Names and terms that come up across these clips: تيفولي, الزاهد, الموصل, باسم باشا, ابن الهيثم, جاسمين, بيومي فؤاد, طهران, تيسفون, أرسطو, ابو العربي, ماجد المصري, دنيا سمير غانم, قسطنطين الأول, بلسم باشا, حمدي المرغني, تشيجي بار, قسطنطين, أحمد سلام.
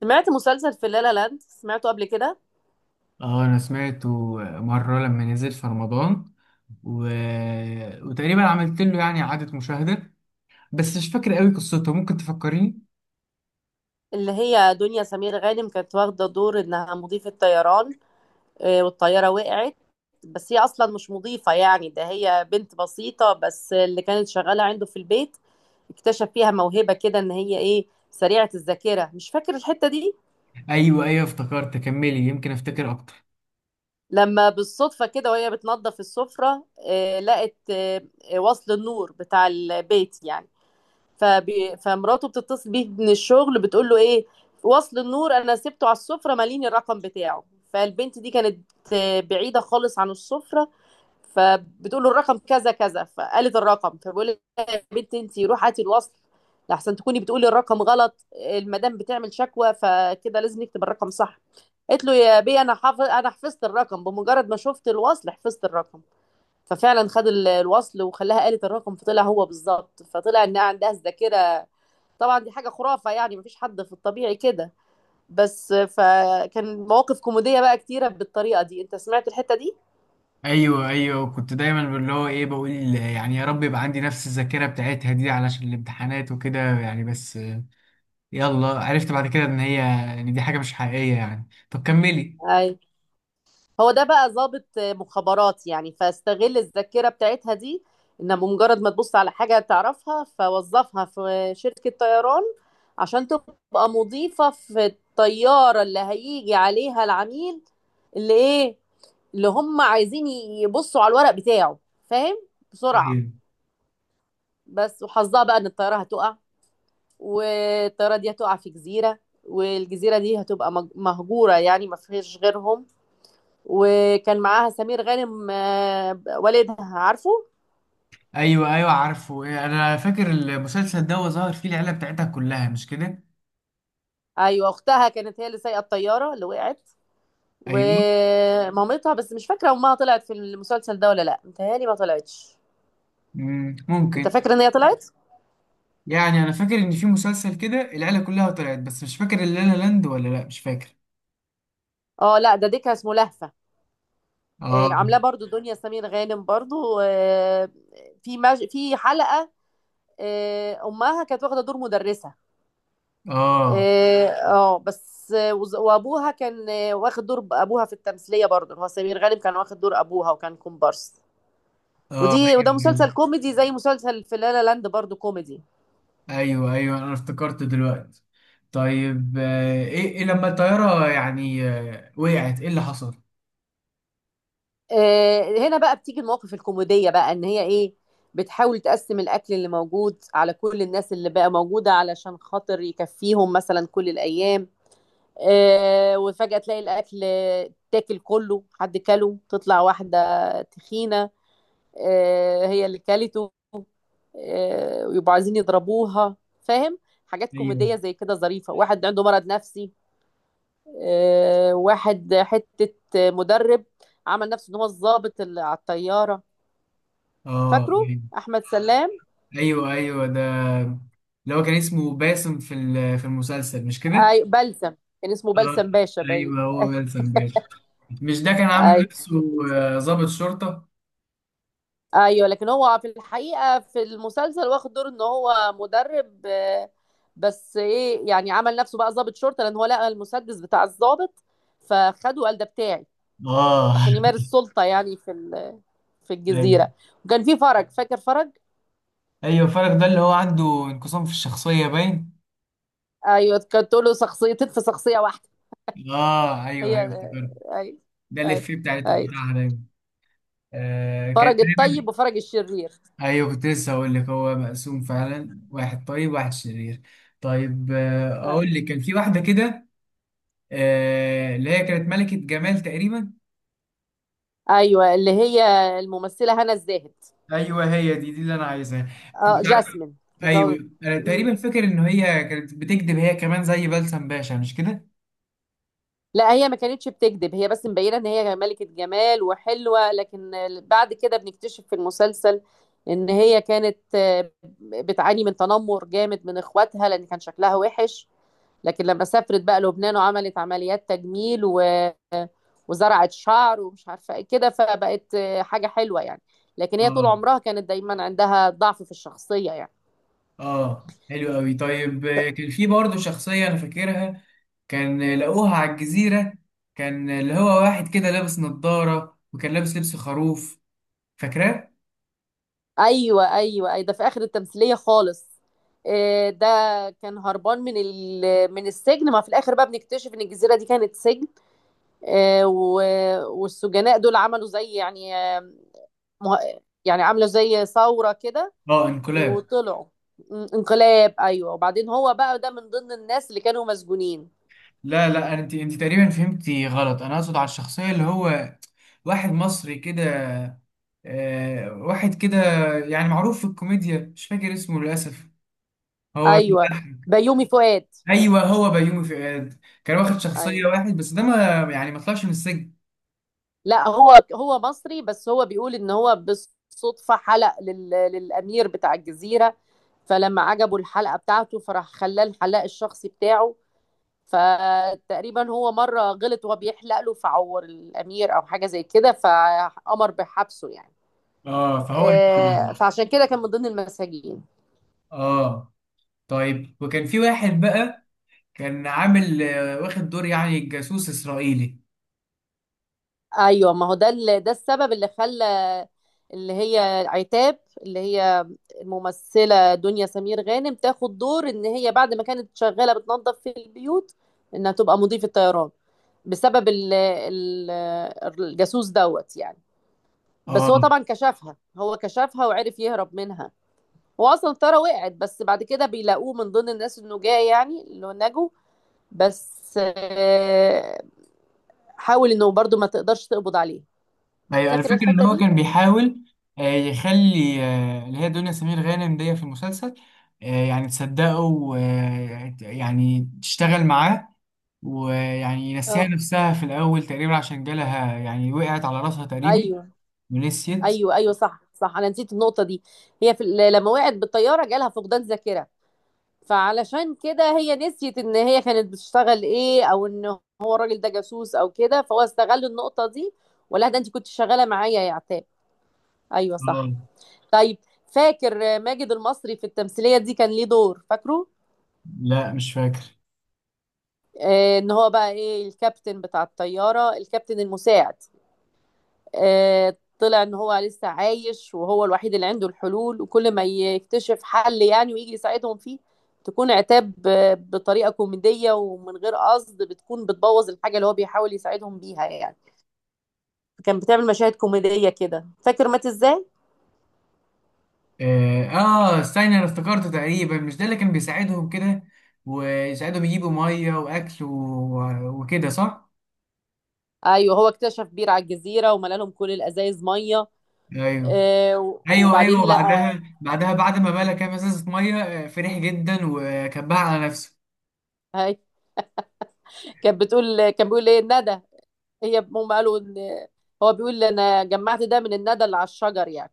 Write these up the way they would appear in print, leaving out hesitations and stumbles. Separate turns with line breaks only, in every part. سمعت مسلسل في لالا لاند، سمعته قبل كده؟
اه، انا سمعته مرة لما نزل في رمضان. و... وتقريبا عملت له يعني اعادة مشاهدة. بس مش فاكر قوي قصته، ممكن تفكريني؟
اللي هي دنيا سمير غانم كانت واخدة دور انها مضيفة طيران. والطيارة وقعت، بس هي اصلا مش مضيفة، يعني ده هي بنت بسيطة بس اللي كانت شغالة عنده في البيت. اكتشف فيها موهبة كده ان هي ايه، سريعة الذاكرة. مش فاكر الحتة دي.
ايوه ايوه، افتكرت، كملي، يمكن افتكر اكتر.
لما بالصدفة كده وهي بتنظف السفرة، لقت وصل النور بتاع البيت يعني. فمراته بتتصل بيه من الشغل، بتقول له ايه، وصل النور انا سبته على السفره، ماليني الرقم بتاعه. فالبنت دي كانت بعيده خالص عن السفره، فبتقول له الرقم كذا كذا، فقالت الرقم، فبيقول لها يا بنت انت روحي هاتي الوصل، لحسن تكوني بتقولي الرقم غلط، المدام بتعمل شكوى، فكده لازم نكتب الرقم صح. قالت له يا بي انا حافظ، انا حفظت الرقم بمجرد ما شفت الوصل، حفظت الرقم. ففعلا خد الوصل وخلاها قالت الرقم، فطلع هو بالظبط، فطلع انها عندها الذاكره. طبعا دي حاجة خرافة يعني، مفيش حد في الطبيعي كده، بس فكان مواقف كوميدية بقى كتيرة بالطريقة دي. انت سمعت الحتة دي؟
ايوه ايوه، كنت دايما اللي هو ايه، بقول يعني يا رب يبقى عندي نفس الذاكرة بتاعتها دي علشان الامتحانات وكده، يعني بس يلا، عرفت بعد كده ان دي حاجة مش حقيقية يعني. طب كملي.
اي. هو ده بقى ضابط مخابرات يعني، فاستغل الذاكرة بتاعتها دي، انها بمجرد ما تبص على حاجة تعرفها، فوظفها في شركة طيران عشان تبقى مضيفة في الطيارة اللي هيجي عليها العميل، اللي ايه، اللي هم عايزين يبصوا على الورق بتاعه، فاهم، بسرعة.
ايوه
بس وحظها بقى ان الطيارة هتقع، والطيارة دي هتقع في جزيرة، والجزيرة دي هتبقى مهجورة يعني، ما فيهاش غيرهم. وكان معاها سمير غانم، والدها، عارفه.
ايوه ايوه، عارفه، انا فاكر المسلسل ده وظهر فيه العيله بتاعتها كلها، مش كده؟
ايوه، اختها كانت هي اللي سايقه الطياره اللي وقعت
ايوه.
ومامتها، بس مش فاكره امها طلعت في المسلسل ده ولا لا، متهيألي ما طلعتش. انت
ممكن.
فاكره ان هي طلعت؟
يعني انا فاكر ان في مسلسل كده العيله كلها طلعت، بس مش فاكر اللا لا لاند ولا لا، مش فاكر.
اه لا، ده ديكها اسمه لهفه.
اه
عاملاه برضو دنيا سمير غانم برضو. في حلقه، امها كانت واخده دور مدرسه.
اه
اه، وابوها كان واخد دور ابوها في التمثيليه، برضه هو سمير غانم كان واخد دور ابوها وكان كومبارس.
اه
وده
ايوه
مسلسل كوميدي زي مسلسل في لا لا لاند، برضه كوميدي.
ايوه ايوه أيوه. انا افتكرت دلوقتي. طيب، ايه لما الطياره يعني وقعت، ايه اللي حصل؟
هنا بقى بتيجي المواقف الكوميديه، بقى ان هي ايه، بتحاول تقسم الاكل اللي موجود على كل الناس اللي بقى موجوده، علشان خاطر يكفيهم مثلا كل الايام. وفجاه تلاقي الاكل تاكل كله، حد كله، تطلع واحده تخينه، هي اللي كلته، ويبقوا عايزين يضربوها، فاهم. حاجات
ايوه.
كوميدية زي كده ظريفة. واحد عنده مرض نفسي، واحد حتة مدرب، عمل نفسه ان هو الضابط اللي على الطيارة.
اه
فاكره؟ احمد سلام.
ايوه ايوه أيوة، ده اللي هو كان اسمه باسم في في المسلسل، مش كده؟
اي بلسم، كان اسمه
اه
بلسم باشا باين
ايوه، هو باسم باشا، مش ده كان عامل
أي-
نفسه ضابط شرطه؟
ايوه لكن هو في الحقيقه في المسلسل واخد دور ان هو مدرب، بس ايه يعني عمل نفسه بقى ضابط شرطه، لان هو لقى المسدس بتاع الضابط فخده، قال ده بتاعي،
اه
عشان يمارس سلطه يعني في في
ايوه
الجزيره. وكان في فرج، فاكر فرج؟
ايوه، فرق ده اللي هو عنده انقسام في الشخصيه باين.
ايوه كانت تقول له شخصيتين في شخصيه واحده.
اه ايوه
هي
ايوه، افتكرت.
اي
ده
اي
الإفيه
اي،
بتاعها دايما. كان
فرج
دايما.
الطيب وفرج الشرير.
ايوه، كنت لسه هقول لك، هو مقسوم فعلا، واحد طيب واحد شرير. طيب، اقول
أي.
لك، كان في واحده كده. اللي هي كانت ملكه جمال تقريبا.
ايوه اللي هي الممثله هنا الزاهد.
ايوه، هي دي اللي انا عايزها.
اه
كنت عارف.
جاسمين كانت.
ايوه، انا تقريبا فاكر ان هي كانت بتكذب هي كمان زي بلسم باشا، مش
لا هي ما كانتش بتكذب، هي بس مبينه ان هي ملكه جمال وحلوه، لكن بعد كده بنكتشف في المسلسل ان هي كانت بتعاني من تنمر جامد من اخواتها لان كان شكلها وحش، لكن لما سافرت بقى لبنان وعملت عمليات تجميل وزرعت شعر ومش عارفه ايه كده، فبقت حاجه حلوه يعني، لكن هي طول
كده؟
عمرها كانت دايما عندها ضعف في الشخصيه يعني.
اه، حلو قوي. طيب، كان في برضه شخصية انا فاكرها. كان لقوها على الجزيرة. كان اللي هو واحد كده لابس نظارة وكان لابس لبس خروف، فاكراه؟
ايوه ايوه اي، ده في اخر التمثيليه خالص. ده كان هربان من من السجن، ما في الاخر بقى بنكتشف ان الجزيره دي كانت سجن، آه، و... والسجناء دول عملوا زي يعني يعني عملوا زي ثوره كده
اه، انقلاب.
وطلعوا. انقلاب، ايوه، وبعدين هو بقى ده من ضمن الناس اللي كانوا مسجونين.
لا لا، انت تقريبا فهمتي غلط. انا اقصد على الشخصية اللي هو واحد مصري كده، واحد كده يعني معروف في الكوميديا، مش فاكر اسمه للأسف، هو
ايوه،
بيضحك.
بيومي فؤاد.
ايوه، هو بيومي فؤاد. كان واخد
ايوه،
شخصية واحد بس ده ما يعني ما طلعش من السجن.
لأ هو هو مصري، بس هو بيقول إن هو بالصدفة حلق للأمير بتاع الجزيرة، فلمّا عجبه الحلقة بتاعته فراح خلّاه الحلاق الشخصي بتاعه، فتقريبا هو مرّة غلط وهو بيحلق له فعوّر الأمير أو حاجة زي كده، فقام بحبسه يعني.
اه فهو.
فعشان كده كان من ضمن المساجين.
اه، طيب وكان في واحد بقى كان عامل واخد دور يعني جاسوس اسرائيلي.
ايوه ما هو ده ده السبب اللي خلى اللي هي عتاب، اللي هي الممثله دنيا سمير غانم، تاخد دور ان هي بعد ما كانت شغاله بتنظف في البيوت انها تبقى مضيفه طيران، بسبب ال ال الجاسوس دوت يعني. بس
اه
هو طبعا كشفها، هو كشفها وعرف يهرب منها. هو اصلا الطياره وقعت، بس بعد كده بيلاقوه من ضمن الناس النجاه يعني اللي نجوا، بس حاول انه برضو ما تقدرش تقبض عليه.
ايوه، انا
فاكر
فاكر ان
الحته
هو
دي؟
كان بيحاول يخلي اللي هي دنيا سمير غانم دي في المسلسل يعني تصدقه، ويعني تشتغل معاه، ويعني ينسيها
اه
نفسها في الاول تقريبا، عشان جالها يعني وقعت على راسها تقريبا
ايوه
ونسيت.
ايوه، ايوه صح صح، انا نسيت النقطه دي. هي في لما وقعت بالطياره جالها فقدان ذاكره، فعلشان كده هي نسيت ان هي كانت بتشتغل ايه، او ان هو الراجل ده جاسوس او كده، فهو استغل النقطه دي، ولا ده انت كنت شغاله معايا يا عتاب. ايوه صح،
اه،
طيب. فاكر ماجد المصري في التمثيليه دي كان ليه دور؟ فاكره؟
لا مش فاكر.
آه ان هو بقى ايه، الكابتن بتاع الطياره، الكابتن المساعد. طلع ان هو لسه عايش، وهو الوحيد اللي عنده الحلول، وكل ما يكتشف حل يعني ويجي يساعدهم فيه، تكون عتاب بطريقة كوميدية ومن غير قصد بتكون بتبوظ الحاجة اللي هو بيحاول يساعدهم بيها يعني. كان بتعمل مشاهد كوميدية كده. فاكر مات ازاي؟
اه، استنى، انا افتكرته تقريبا، مش ده اللي كان بيساعدهم كده، ويساعدهم يجيبوا ميه واكل وكده، صح؟
ايوه هو اكتشف بير على الجزيرة وملى لهم كل الازايز مية.
ايوه ايوه
وبعدين
ايوه،
لقى،
وبعدها بعد ما ملا كام ازازه ميه فرح جدا وكبها على نفسه.
هاي كانت بتقول، كان بيقول ايه الندى. هي هم قالوا ان هو بيقول انا جمعت ده من الندى اللي على الشجر يعني،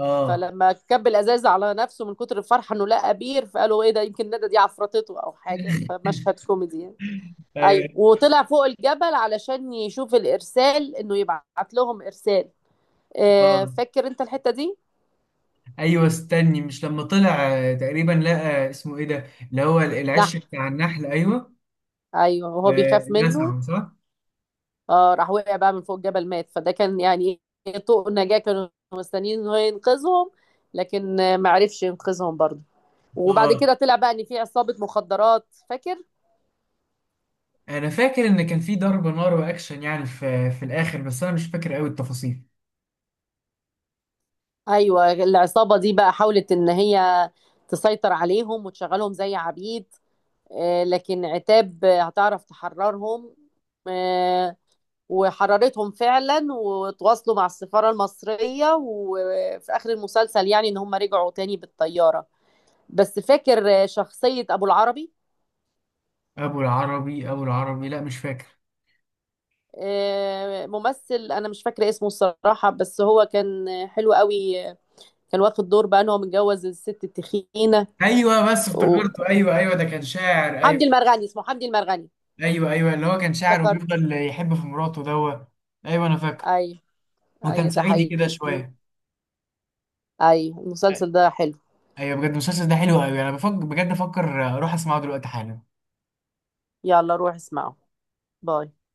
اه
فلما كب الازاز على نفسه من كتر الفرحه انه لقى بير، فقالوا ايه ده، يمكن ندى دي عفرتته او حاجه، فمشهد كوميدي يعني. ايوه،
ايوه.
وطلع فوق الجبل علشان يشوف الارسال، انه يبعت لهم ارسال.
اه
فاكر انت الحته دي؟
ايوه، استني، مش لما طلع تقريبا لقى اسمه ايه ده، اللي هو
نح،
العش بتاع النحل، ايوه؟
ايوه، وهو بيخاف منه.
نزعه، صح؟
اه راح وقع بقى من فوق الجبل، مات. فده كان يعني إيه، طوق النجاه كانوا مستنيين إن هو ينقذهم، لكن ما عرفش ينقذهم برضه. وبعد
اه،
كده طلع بقى ان في عصابه مخدرات، فاكر؟
انا فاكر ان كان في ضرب نار واكشن يعني في الاخر، بس انا مش فاكر قوي التفاصيل.
ايوه العصابه دي بقى حاولت ان هي تسيطر عليهم وتشغلهم زي عبيد، لكن عتاب هتعرف تحررهم، آه، وحررتهم فعلا، وتواصلوا مع السفاره المصريه، وفي اخر المسلسل يعني ان هم رجعوا تاني بالطياره. بس فاكر شخصيه ابو العربي؟
ابو العربي، ابو العربي، لا مش فاكر.
ممثل انا مش فاكره اسمه الصراحه، بس هو كان حلو قوي. كان واخد دور بقى ان هو متجوز الست التخينه
ايوه، بس
و-
افتكرته، ايوه ايوه، ده كان شاعر، ايوه.
حمدي المرغني، اسمه حمدي المرغني.
ايوه ايوه، اللي هو كان شاعر
افتكرت؟
وبيفضل يحب في مراته دوت. ايوه، انا فاكره.
ايوه
وكان
ايوه، ده
صعيدي كده
حقيقي.
شويه.
ايوه
أي-
المسلسل ده حلو.
ايوه، بجد المسلسل ده حلو قوي، انا بفكر بجد افكر اروح اسمعه دلوقتي حالا.
يلا روح اسمعه. باي.